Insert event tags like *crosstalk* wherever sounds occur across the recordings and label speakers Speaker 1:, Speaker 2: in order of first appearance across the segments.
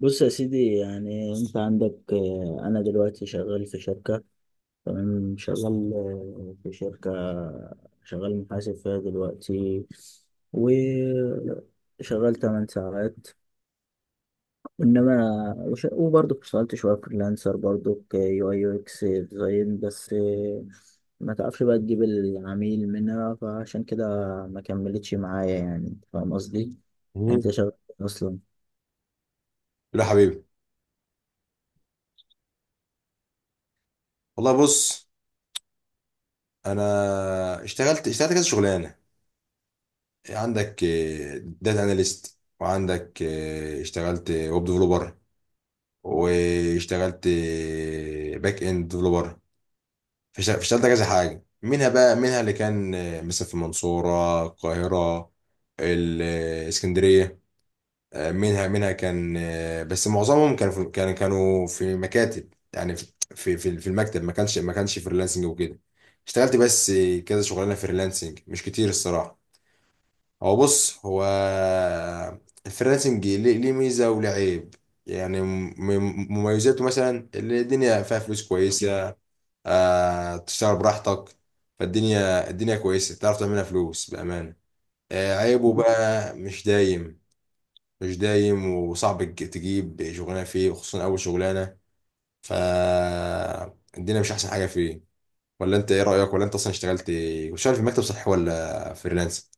Speaker 1: بص يا سيدي يعني انت عندك انا دلوقتي شغال في شركة. تمام شغال في شركة. شغال محاسب فيها دلوقتي وشغال 8 ساعات. انما وبرضه اشتغلت شوية فريلانسر برضه كيو اي يو اكس ديزاين بس، ما تعرفش بقى تجيب العميل منها، فعشان كده ما كملتش معايا. يعني فاهم قصدي.
Speaker 2: مم.
Speaker 1: انت شغال إيه اصلا؟
Speaker 2: لا حبيبي، والله بص. انا اشتغلت اشتغلت كذا شغلانه. عندك داتا اناليست، وعندك اشتغلت ويب ديفلوبر، واشتغلت باك اند ديفلوبر. فاشتغلت كذا حاجه منها، بقى منها اللي كان مثلا في المنصوره، القاهره، الاسكندريه. منها كان بس معظمهم كانوا في مكاتب، يعني في المكتب، ما كانش ما كانش فريلانسنج وكده. اشتغلت بس كذا شغلانه فريلانسنج، مش كتير الصراحه. هو بص، هو الفريلانسنج ليه ميزه وله عيب. يعني، مميزاته مثلا اللي الدنيا فيها فلوس كويسه. تشتغل براحتك، الدنيا كويسه، تعرف تعملها فلوس بامانه. عيبه بقى مش دايم، مش دايم، وصعب تجيب شغلانه فيه، وخصوصا اول شغلانه. ف الدنيا مش احسن حاجه فيه. ولا انت ايه رايك؟ ولا انت اصلا اشتغلت وشغال في مكتب، صحي، ولا فريلانس؟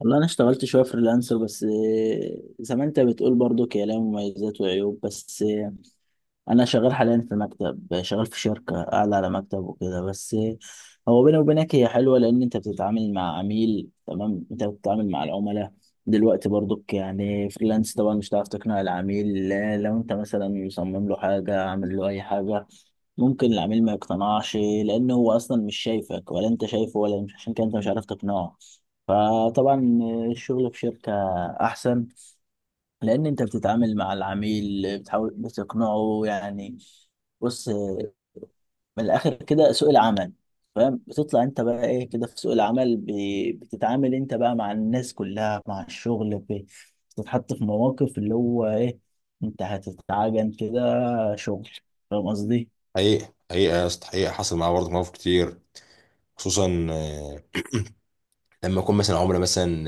Speaker 1: والله انا اشتغلت شويه فريلانسر بس، زي ما انت بتقول برضو هي لها مميزات وعيوب. بس انا شغال حاليا في مكتب، شغال في شركه اعلى على مكتب وكده بس. هو بيني وبينك هي حلوه لان انت بتتعامل مع عميل. تمام، انت بتتعامل مع العملاء دلوقتي. برضك يعني فريلانس طبعا مش هتعرف تقنع العميل لا، لو انت مثلا مصمم له حاجه، عامل له اي حاجه، ممكن العميل ما يقتنعش لانه هو اصلا مش شايفك ولا انت شايفه، ولا مش عشان كده انت مش عارف تقنعه. فطبعا الشغل في شركه احسن، لان انت بتتعامل مع العميل، بتحاول بتقنعه يعني. بص، من الاخر كده سوق العمل، فاهم، بتطلع انت بقى ايه كده في سوق العمل بتتعامل انت بقى مع الناس كلها، مع الشغل بتتحط في مواقف اللي هو ايه، انت هتتعجن كده شغل. فاهم قصدي.
Speaker 2: حقيقة حقيقة يا اسطى، حقيقة حصل معايا برضه مواقف كتير. خصوصا لما يكون مثلا عملاء، مثلا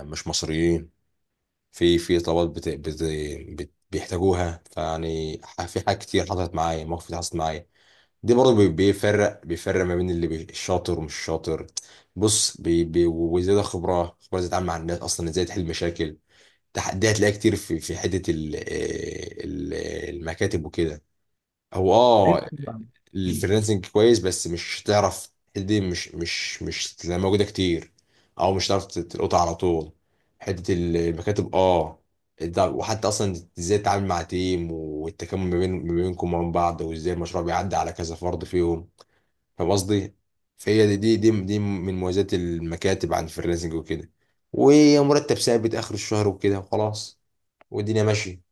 Speaker 2: مش مصريين. في طلبات بيحتاجوها، فيعني في حاجات كتير حصلت معايا، مواقف كتير حصلت معايا. دي برضه بيفرق بيفرق ما بين اللي الشاطر ومش شاطر. بص بي بي وزيادة خبرة، خبرة ازاي تتعامل مع الناس، اصلا ازاي تحل مشاكل. تحدي هتلاقيها كتير في حتة ال آه، ال المكاتب وكده. هو
Speaker 1: ايوه طبعا.
Speaker 2: الفريلانسنج كويس، بس مش هتعرف الحتة دي، مش تلاقيها موجودة كتير، او مش هتعرف تلقطها على طول. حتة المكاتب، اه. وحتى اصلا ازاي تتعامل مع تيم، والتكامل ما بينكم وما بين بعض، وازاي المشروع بيعدي على كذا فرد فيهم. فاهم قصدي؟ فهي دي من مميزات المكاتب عن الفريلانسنج وكده، ومرتب ثابت اخر الشهر وكده وخلاص، والدنيا ماشيه.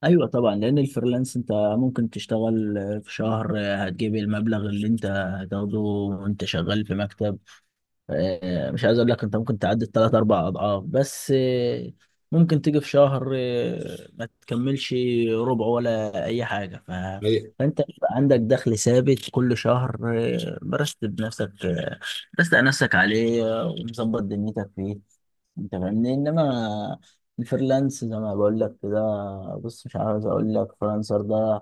Speaker 1: ايوه طبعا، لان الفريلانس انت ممكن تشتغل في شهر هتجيب المبلغ اللي انت هتاخده، وانت شغال في مكتب مش عايز اقول لك انت ممكن تعدي الثلاث اربع اضعاف، بس ممكن تيجي في شهر ما تكملش ربع ولا اي حاجه
Speaker 2: هي-
Speaker 1: فانت بيبقى عندك دخل ثابت كل شهر، برست بنفسك، برست على نفسك عليه، ومظبط دنيتك فيه. انت فاهمني. انما الفريلانس زي ما بقول لك كده، بص مش عاوز اقول لك فريلانسر، ده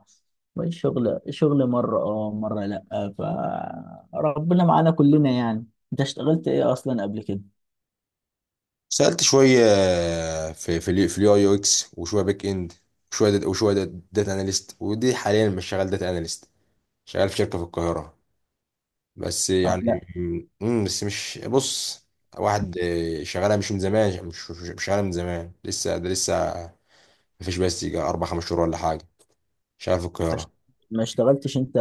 Speaker 1: الشغل شغل شغل مرة اه مرة لأ، فربنا معانا كلنا يعني. انت اشتغلت ايه اصلا قبل كده؟
Speaker 2: سالت شويه في اليو اي يو اكس، وشويه باك اند، وشويه داتا اناليست، ودي حاليا مش شغال داتا اناليست، شغال في شركه في القاهره. بس
Speaker 1: اه، لا.
Speaker 2: يعني. بس مش بص، واحد شغالها مش من زمان، مش شغالها من زمان لسه، لسه مفيش، بس يجي 4 5 شهور ولا حاجه. شغال في
Speaker 1: ما اشت-
Speaker 2: القاهره.
Speaker 1: ما اشتغلتش انت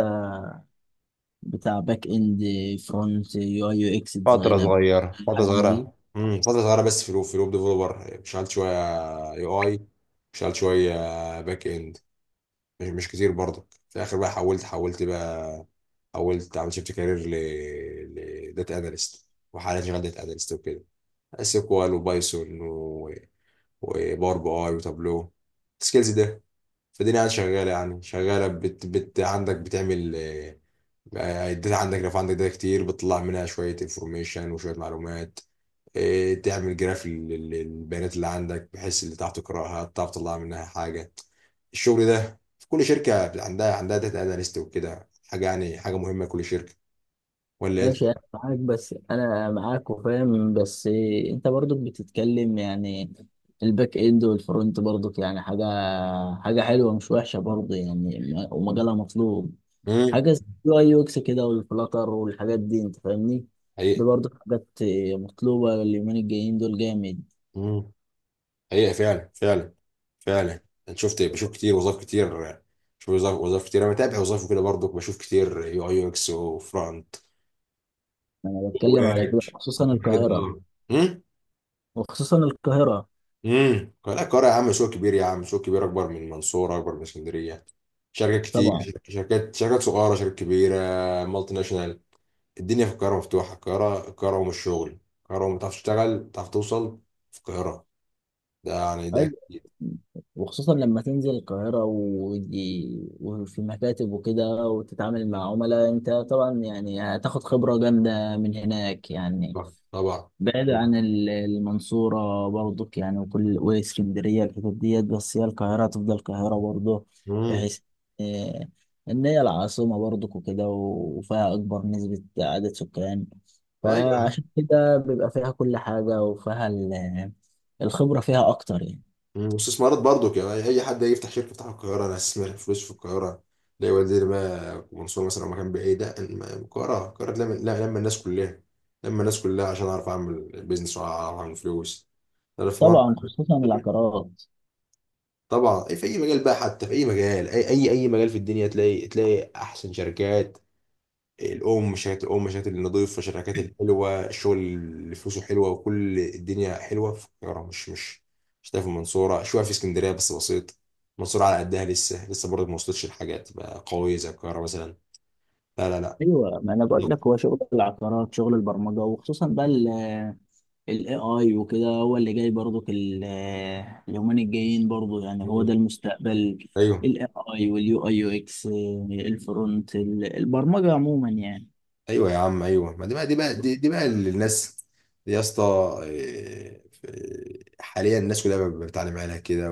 Speaker 1: بتاع باك اند، فرونت، يو اي يو اكس
Speaker 2: فترة
Speaker 1: ديزاين،
Speaker 2: صغيرة، فترة
Speaker 1: الحاجات دي؟
Speaker 2: صغيرة، فترة صغيرة، بس في الويب ديفلوبر، شغال شوية. اي، اي، شغال شوية باك اند. مش كتير برضك. في الاخر بقى حولت حولت بقى، حولت، عملت شيفت كارير لداتا اناليست، وحاليا شغال داتا اناليست وكده، اس كوال وبايثون وباور بي اي وتابلو، السكيلز ده. فالدنيا قاعدة شغالة، يعني شغالة. بت, بت عندك بتعمل الداتا عندك. لو عندك داتا كتير، بتطلع منها شوية انفورميشن وشوية معلومات. تعمل جراف للبيانات اللي عندك، بحيث اللي تعرف تقراها تعرف تطلع منها حاجة. الشغل ده في كل شركة، عندها داتا اناليست وكده، حاجة يعني حاجة مهمة لكل شركة. ولا انت؟
Speaker 1: ماشي انا معاك، بس انا معاك وفاهم. بس انت برضك بتتكلم يعني الباك اند والفرونت، برضك يعني حاجه، حاجه حلوه مش وحشه برضه يعني. ومجالها مطلوب.
Speaker 2: امم
Speaker 1: حاجه زي اليو اي يو اكس كده، والفلاتر والحاجات دي، انت فاهمني. دي
Speaker 2: حقيقة،
Speaker 1: برضه حاجات مطلوبه، اليومين الجايين دول جامد.
Speaker 2: امم حقيقة فعلا، فعلا فعلا. انا بشوف كتير، وظائف كتير، بشوف وظائف وظائف كتير. انا متابع وظائف وكده، برضو بشوف كتير يو اي يو اكس وفرونت
Speaker 1: بتكلم على كده
Speaker 2: وباك،
Speaker 1: خصوصا
Speaker 2: الحاجات دي.
Speaker 1: القاهره.
Speaker 2: اه. مم؟
Speaker 1: وخصوصا القاهره
Speaker 2: لا، القاهرة يا عم مشروع كبير، يا عم مشروع كبير، اكبر من المنصورة، اكبر من اسكندرية. شركات كتير،
Speaker 1: طبعا.
Speaker 2: شركات شركات شركات صغيرة، شركات كبيرة، مالتي ناشونال. الدنيا في القاهرة مفتوحة. القاهرة، القاهرة أم الشغل، القاهرة أم، تعرف تشتغل تعرف توصل في القاهرة. ده يعني ده
Speaker 1: ايوه،
Speaker 2: أكيد.
Speaker 1: وخصوصا لما تنزل القاهرة ودي، وفي مكاتب وكده، وتتعامل مع عملاء، انت طبعا يعني هتاخد خبرة جامدة من هناك يعني.
Speaker 2: طبعا، طبعا.
Speaker 1: بعيد عن المنصورة برضك يعني، وكل واسكندرية الحتت ديت، بس هي القاهرة هتفضل القاهرة برضه.
Speaker 2: مم.
Speaker 1: بحيث آه، ان هي العاصمة برضك وكده، وفيها اكبر نسبة عدد سكان،
Speaker 2: طيب.
Speaker 1: فعشان كده بيبقى فيها كل حاجة، وفيها الخبرة فيها اكتر يعني.
Speaker 2: مم. واستثمارات برضو، يعني اي حد هيفتح شركه يفتحها في القاهره، انا هستثمر فلوس في القاهره زي وزير ما منصور مثلا. لو مكان بعيد، لا، القاهره، القاهره لما لا- لما الناس كلها عشان اعرف اعمل بيزنس، واعرف اعمل فلوس. انا في مره.
Speaker 1: طبعا، خصوصا العقارات.
Speaker 2: طبعا، في اي مجال بقى، حتى في اي مجال، اي مجال في الدنيا تلاقي تلاقي احسن شركات. الام شركات النظيفه، الشركات الحلوه، الشغل اللي فلوسه حلوه، وكل الدنيا حلوه في القاهره. مش هتلاقي في المنصوره شويه، في اسكندريه بس بسيط. المنصوره على قدها لسه، لسه برضه ما وصلتش لحاجات بقى قويه زي القاهره مثلا. لا، لا، لا.
Speaker 1: ايوه، ما انا بقول لك
Speaker 2: *laughs*
Speaker 1: هو شغل العقارات، شغل البرمجه، وخصوصا بقى الاي اي وكده، هو اللي جاي برضو اليومين الجايين برضو يعني، هو
Speaker 2: مم.
Speaker 1: ده المستقبل.
Speaker 2: ايوه،
Speaker 1: الاي اي، واليو اي يو اكس، الفرونت، البرمجه عموما يعني.
Speaker 2: ايوه يا عم، ايوه ما دي بقى، دي بقى دي بقى اللي الناس، دي يا اسطى. إيه، حاليا الناس كلها بتعلم عليها كده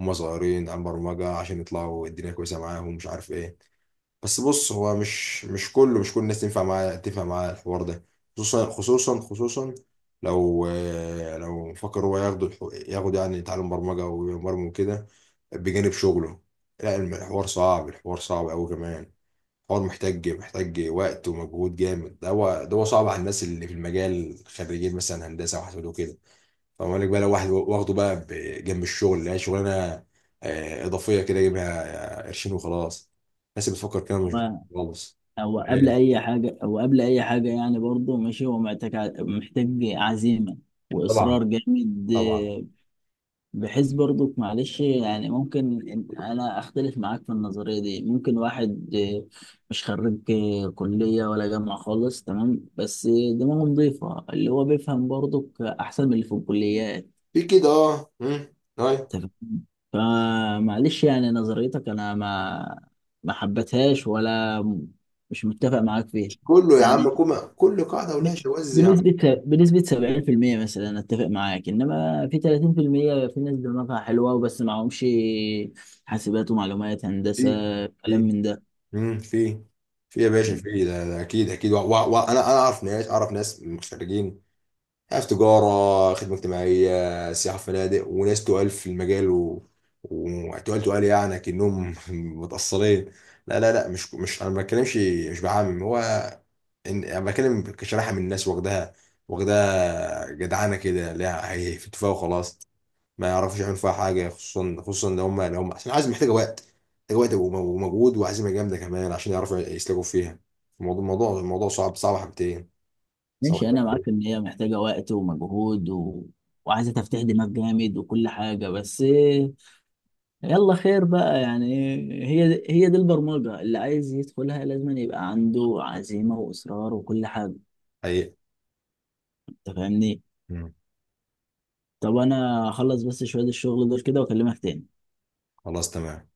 Speaker 2: وهم صغيرين عن برمجه، عشان يطلعوا الدنيا كويسه معاهم، مش عارف ايه. بس بص، هو مش مش كله مش كل الناس تنفع معاه، تنفع معاه الحوار ده. خصوصا، خصوصا، خصوصا لو فكر هو ياخد ياخد يعني يتعلم برمجة ويبرمج وكده بجانب شغله. لا، الحوار صعب، الحوار صعب أوي كمان. الحوار محتاج محتاج وقت ومجهود جامد ده. هو صعب على الناس اللي في المجال، خريجين مثلا هندسة وحاسبات وكده. فما بالك بقى لو واحد واخده بقى جنب الشغل اللي هي شغلانه اضافيه كده، يجيبها قرشين وخلاص. الناس اللي بتفكر كده مش بت-
Speaker 1: و-
Speaker 2: خالص.
Speaker 1: هو قبل
Speaker 2: إيه؟
Speaker 1: اي حاجه، هو قبل اي حاجه يعني برضو ماشي، هو محتاج محتاج عزيمه
Speaker 2: طبعا،
Speaker 1: واصرار جامد.
Speaker 2: طبعا.
Speaker 1: بحيث برضك، معلش يعني، ممكن انا اختلف معاك في النظريه دي. ممكن واحد مش خريج كليه ولا جامعه خالص، تمام، بس دماغه نظيفه، اللي هو بيفهم برضك احسن من اللي في الكليات.
Speaker 2: في كده، اه. مم. طيب.
Speaker 1: أنت فاهم؟ فمعلش يعني نظريتك انا ما حبتهاش، ولا مش متفق معاك فيها.
Speaker 2: مش كله يا عم،
Speaker 1: يعني
Speaker 2: كوما كل قاعده ولها شواذ يا عم.
Speaker 1: بنسبة 70% مثلا أنا اتفق معاك، انما في 30% في المية في ناس دماغها حلوة وبس، معهمش حاسبات ومعلومات هندسة
Speaker 2: في
Speaker 1: كلام
Speaker 2: في
Speaker 1: من ده.
Speaker 2: مم. في يا باشا، في ده اكيد اكيد، وانا انا أنا اعرف ناس، اعرف ناس مغتربين في تجارة، خدمة اجتماعية، سياحة فنادق، وناس تقال في المجال وتقال تقال يعني كأنهم *laughs* متأصلين. لا، لا، لا. مش أنا ما بتكلمش، مش بعمم هو. أنا بتكلم كشريحة من الناس، واخدها، واخدها جدعانة كده، لا هي في اتفاق وخلاص. ما يعرفوش يعملوا فيها حاجة، خصوصا خصوصا لو هم عشان عايز محتاجة وقت، محتاجة وقت ومجهود وعزيمة جامدة كمان عشان يعرفوا يسلكوا فيها. الموضوع صعب، صعب حبتين، صعب
Speaker 1: ماشي انا
Speaker 2: حبتين،
Speaker 1: معاك ان هي محتاجة وقت ومجهود وعايزة تفتح دماغ جامد وكل حاجة. بس يلا خير بقى يعني. هي هي دي البرمجة، اللي عايز يدخلها لازم يبقى عنده عزيمة وإصرار وكل حاجة.
Speaker 2: حقيقي.
Speaker 1: انت فاهمني.
Speaker 2: مم.
Speaker 1: طب انا هخلص بس شوية الشغل دول كده واكلمك تاني.
Speaker 2: خلاص، تمام.